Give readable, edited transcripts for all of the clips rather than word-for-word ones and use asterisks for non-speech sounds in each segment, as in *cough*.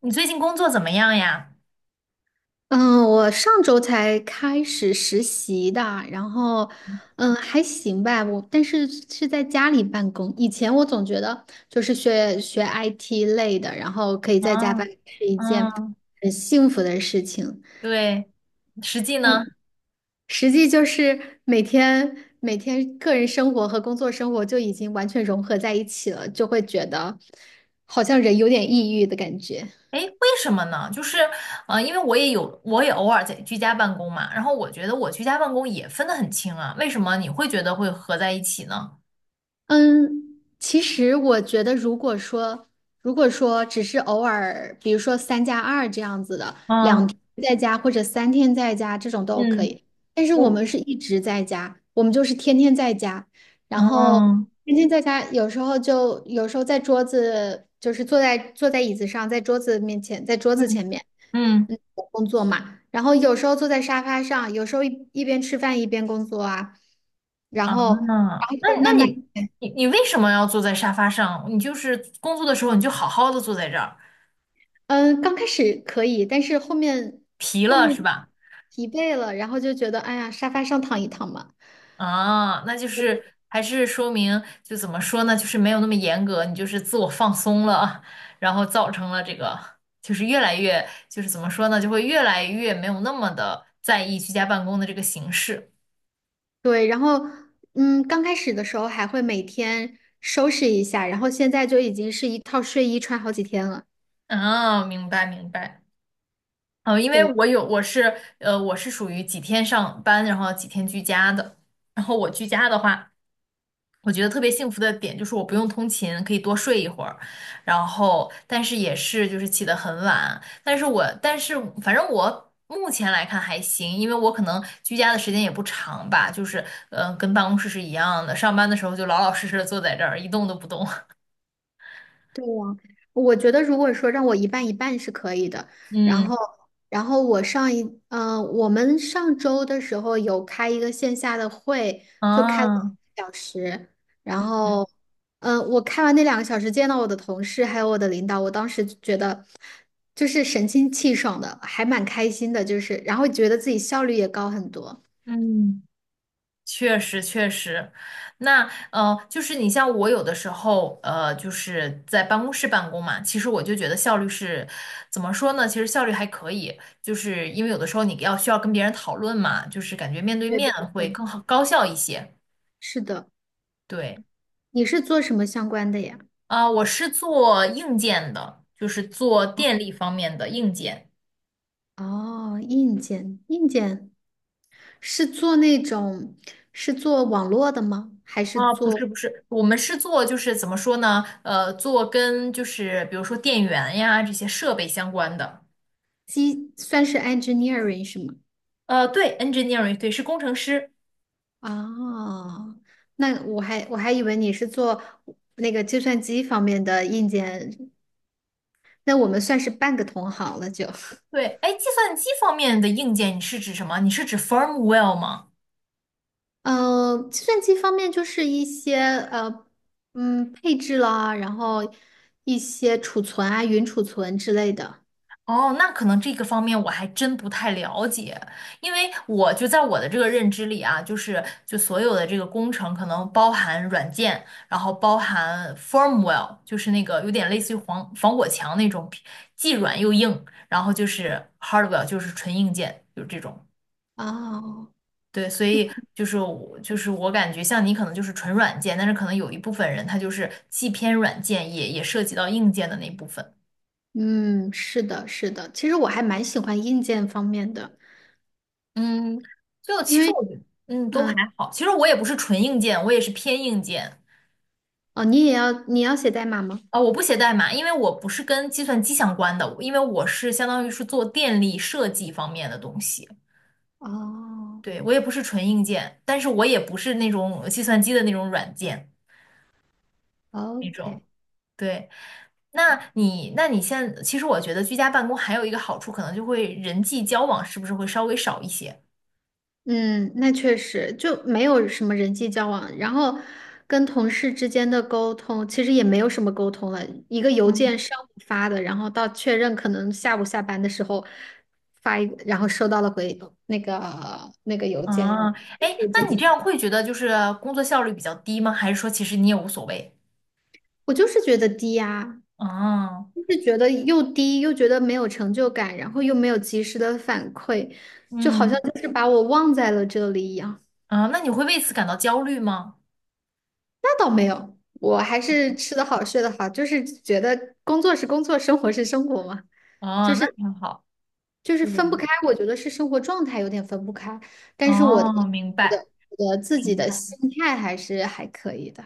你最近工作怎么样呀？嗯，我上周才开始实习的，然后，还行吧。我但是是在家里办公。以前我总觉得就是学学 IT 类的，然后可以在家办嗯公是一件嗯，很幸福的事情。对，实际呢？实际就是每天个人生活和工作生活就已经完全融合在一起了，就会觉得好像人有点抑郁的感觉。诶，为什么呢？就是，因为我也偶尔在居家办公嘛，然后我觉得我居家办公也分得很清啊，为什么你会觉得会合在一起呢？嗯，其实我觉得，如果说只是偶尔，比如说三加二这样子的，两嗯天在家或者三天在家这种都可嗯，以。但是我我们是一直在家，我们就是天天在家，然后嗯天天在家，有时候在桌子，就是坐在椅子上，在桌子嗯前面，嗯工作嘛。然后有时候坐在沙发上，有时候一边吃饭一边工作啊，然嗯，后那然后那就那慢慢。你为什么要坐在沙发上？你就是工作的时候你就好好的坐在这儿，嗯，刚开始可以，但是疲后了是面吧？疲惫了，然后就觉得哎呀，沙发上躺一躺嘛。啊，那就是还是说明，就怎么说呢，就是没有那么严格，你就是自我放松了啊，然后造成了这个，就是越来越，就是怎么说呢，就会越来越没有那么的在意居家办公的这个形式。对，然后刚开始的时候还会每天收拾一下，然后现在就已经是一套睡衣穿好几天了。啊，明白明白。哦，因为对。我有，我是属于几天上班，然后几天居家的。然后我居家的话，我觉得特别幸福的点就是我不用通勤，可以多睡一会儿，然后但是也是就是起得很晚，但是反正我目前来看还行，因为我可能居家的时间也不长吧，就是跟办公室是一样的，上班的时候就老老实实的坐在这儿一动都不动。*laughs* 对呀，我觉得如果说让我一半一半是可以的，然嗯，后，然后我上一，我们上周的时候有开一个线下的会，就开了啊，两个小时，然嗯后，我开完那2个小时，见到我的同事还有我的领导，我当时就觉得就是神清气爽的，还蛮开心的，就是，然后觉得自己效率也高很多。嗯。确实确实，那就是你像我有的时候，就是在办公室办公嘛，其实我就觉得效率是怎么说呢？其实效率还可以，就是因为有的时候你要需要跟别人讨论嘛，就是感觉面对对面对会对，更好高效一些。是的，对，你是做什么相关的呀？啊、我是做硬件的，就是做电力方面的硬件。哦，硬件，是做那种网络的吗？还是啊，不是做不是，我们是做就是怎么说呢？做跟就是比如说电源呀这些设备相关的。机，算是 engineering 是吗？对，engineering，对，是工程师。哦，那我还以为你是做那个计算机方面的硬件，那我们算是半个同行了就。对，哎，计算机方面的硬件，你是指什么？你是指 firmware 吗？呃，计算机方面就是一些配置啦，然后一些储存啊、云储存之类的。哦，那可能这个方面我还真不太了解，因为我就在我的这个认知里啊，就是就所有的这个工程可能包含软件，然后包含 firmware,就是那个有点类似于防火墙那种，既软又硬，然后就是 hardware,就是纯硬件，就是这种。哦，对，所以就是我感觉像你可能就是纯软件，但是可能有一部分人他就是既偏软件也涉及到硬件的那部分。嗯，是的，其实我还蛮喜欢硬件方面的。嗯，就因其实为。我觉得都还嗯，好。其实我也不是纯硬件，我也是偏硬件。哦，你要写代码吗？啊、我不写代码，因为我不是跟计算机相关的，因为我是相当于是做电力设计方面的东西。哦对，我也不是纯硬件，但是我也不是那种计算机的那种软件那种。，OK,对，那你，那你现其实我觉得居家办公还有一个好处，可能就会人际交往是不是会稍微少一些？嗯，那确实就没有什么人际交往，然后跟同事之间的沟通其实也没有什么沟通了，一个邮件嗯。上午发的，然后到确认可能下午下班的时候发一个，然后收到了回那个邮件，啊，哎，那你这样会觉得就是工作效率比较低吗？还是说其实你也无所谓？我就是觉得低呀、啊，就是觉得又低，又觉得没有成就感，然后又没有及时的反馈，就好像嗯，就是把我忘在了这里一样。啊，那你会为此感到焦虑吗？那倒没有，我还是吃得好，睡得好，就是觉得工作是工作，生活是生活嘛，哦，就那是很好。就是对，分不开。我觉得是生活状态有点分不开，但是哦，明我白。的我的自己的心态还是还可以的。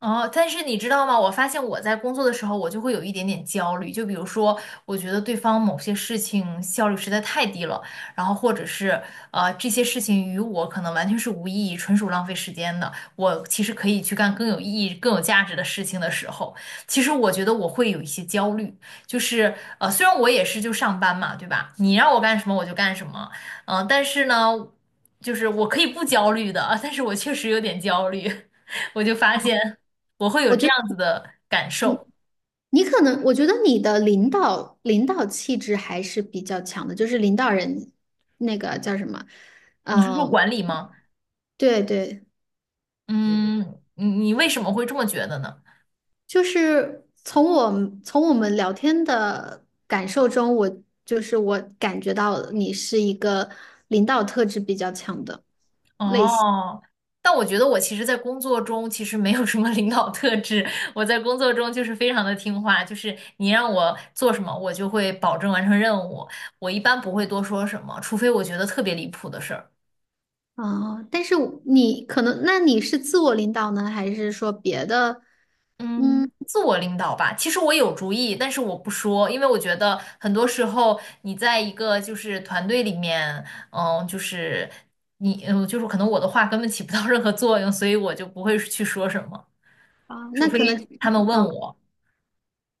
哦，但是你知道吗？我发现我在工作的时候，我就会有一点点焦虑。就比如说，我觉得对方某些事情效率实在太低了，然后或者是这些事情与我可能完全是无意义，纯属浪费时间的。我其实可以去干更有意义、更有价值的事情的时候，其实我觉得我会有一些焦虑。就是虽然我也是就上班嘛，对吧？你让我干什么我就干什么，但是呢，就是我可以不焦虑的，但是我确实有点焦虑，*laughs* 我就发现。我会有这样子我的感受。你可能，我觉得你的领导气质还是比较强的，就是领导人那个叫什么，你是说嗯，管理吗？对对，嗯，你为什么会这么觉得呢？就是从我们聊天的感受中，我就是我感觉到你是一个领导特质比较强的。哦，但我觉得我其实，在工作中其实没有什么领导特质。*laughs* 我在工作中就是非常的听话，就是你让我做什么，我就会保证完成任务。我一般不会多说什么，除非我觉得特别离谱的事儿。啊，但是你可能，那你是自我领导呢，还是说别的？嗯嗯，自我领导吧。其实我有主意，但是我不说，因为我觉得很多时候你在一个就是团队里面，就是你，就是可能我的话根本起不到任何作用，所以我就不会去说什么，啊，除那非可能。他们问方。我。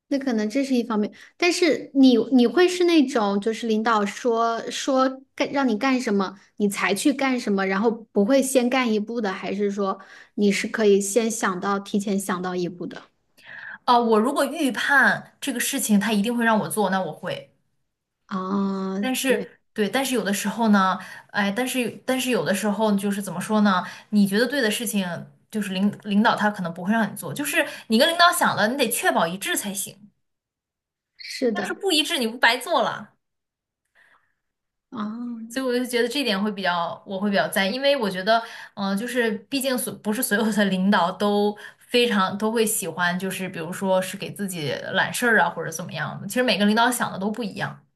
那可能这是一方面，但是你会是那种就是领导让你干什么，你才去干什么，然后不会先干一步的，还是说你是可以先想到提前想到一步的？啊。我如果预判这个事情他一定会让我做，那我会。啊，但对，是对，但是有的时候呢，哎，但是有的时候就是怎么说呢？你觉得对的事情，就是领导他可能不会让你做，就是你跟领导想了，你得确保一致才行。是要是的，不一致，你不白做了。啊，所以我就觉得这点会比较，我会比较在意，因为我觉得，就是毕竟所不是所有的领导都非常都会喜欢，就是比如说是给自己揽事儿啊，或者怎么样的。其实每个领导想的都不一样。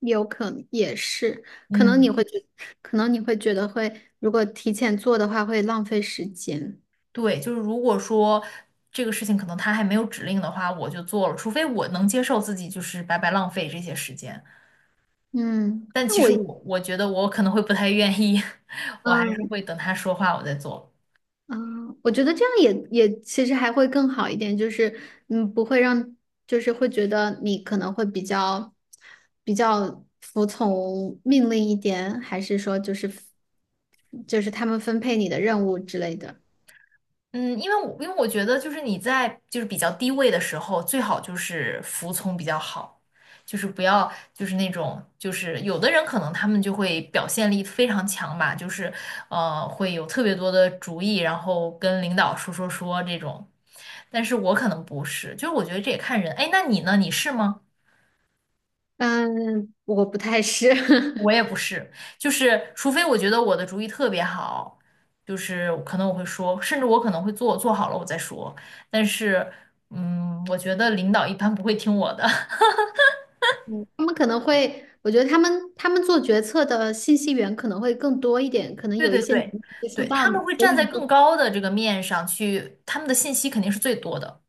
有可能也是，可能你嗯。会觉，可能你会觉得会，如果提前做的话会浪费时间。对，就是如果说这个事情可能他还没有指令的话，我就做了，除非我能接受自己就是白白浪费这些时间。嗯，但那其我，实我觉得我可能会不太愿意，*laughs* 我还是嗯，会等他说话我再做。嗯，我觉得这样也其实还会更好一点，就是嗯，不会让就是会觉得你可能会比较服从命令一点，还是说就是他们分配你的任务之类的。嗯，因为我觉得就是你在就是比较低位的时候，最好就是服从比较好，就是不要就是那种就是有的人可能他们就会表现力非常强吧，就是会有特别多的主意，然后跟领导说这种，但是我可能不是，就是我觉得这也看人。哎，那你呢？你是吗？嗯，我不太是，我 *laughs* 也不是，就是除非我觉得我的主意特别好，就是可能我会说，甚至我可能会做，做好了我再说。但是，嗯，我觉得领导一般不会听我的。*laughs* 嗯，他们可能会，我觉得他们做决策的信息源可能会更多一点，可能对有一对些你对，没接触对，到，他们会所站以在你更就高的这个面上去，他们的信息肯定是最多的。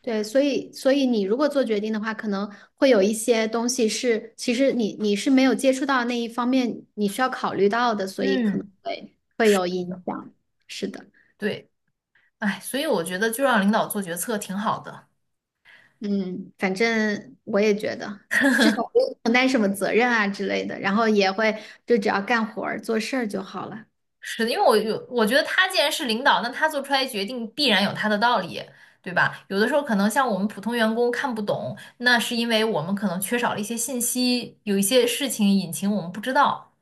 对，所以你如果做决定的话，可能会有一些东西是，其实你是没有接触到那一方面，你需要考虑到的，所以可能嗯，会有影响。是的，对，哎，所以我觉得就让领导做决策挺好的。嗯，反正我也觉得，至少不用承担什么责任啊之类的，然后也会就只要干活儿做事儿就好了。是的，因为我有，我觉得他既然是领导，那他做出来决定必然有他的道理，对吧？有的时候可能像我们普通员工看不懂，那是因为我们可能缺少了一些信息，有一些事情隐情我们不知道。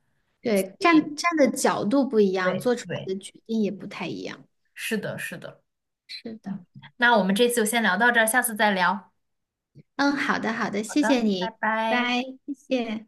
对，所以，站的角度不一样，对做出对，来的决定也不太一样。是的，是的。是的，嗯，那我们这次就先聊到这儿，下次再聊。嗯，好的好的，好谢的，谢拜你，拜。拜，谢谢。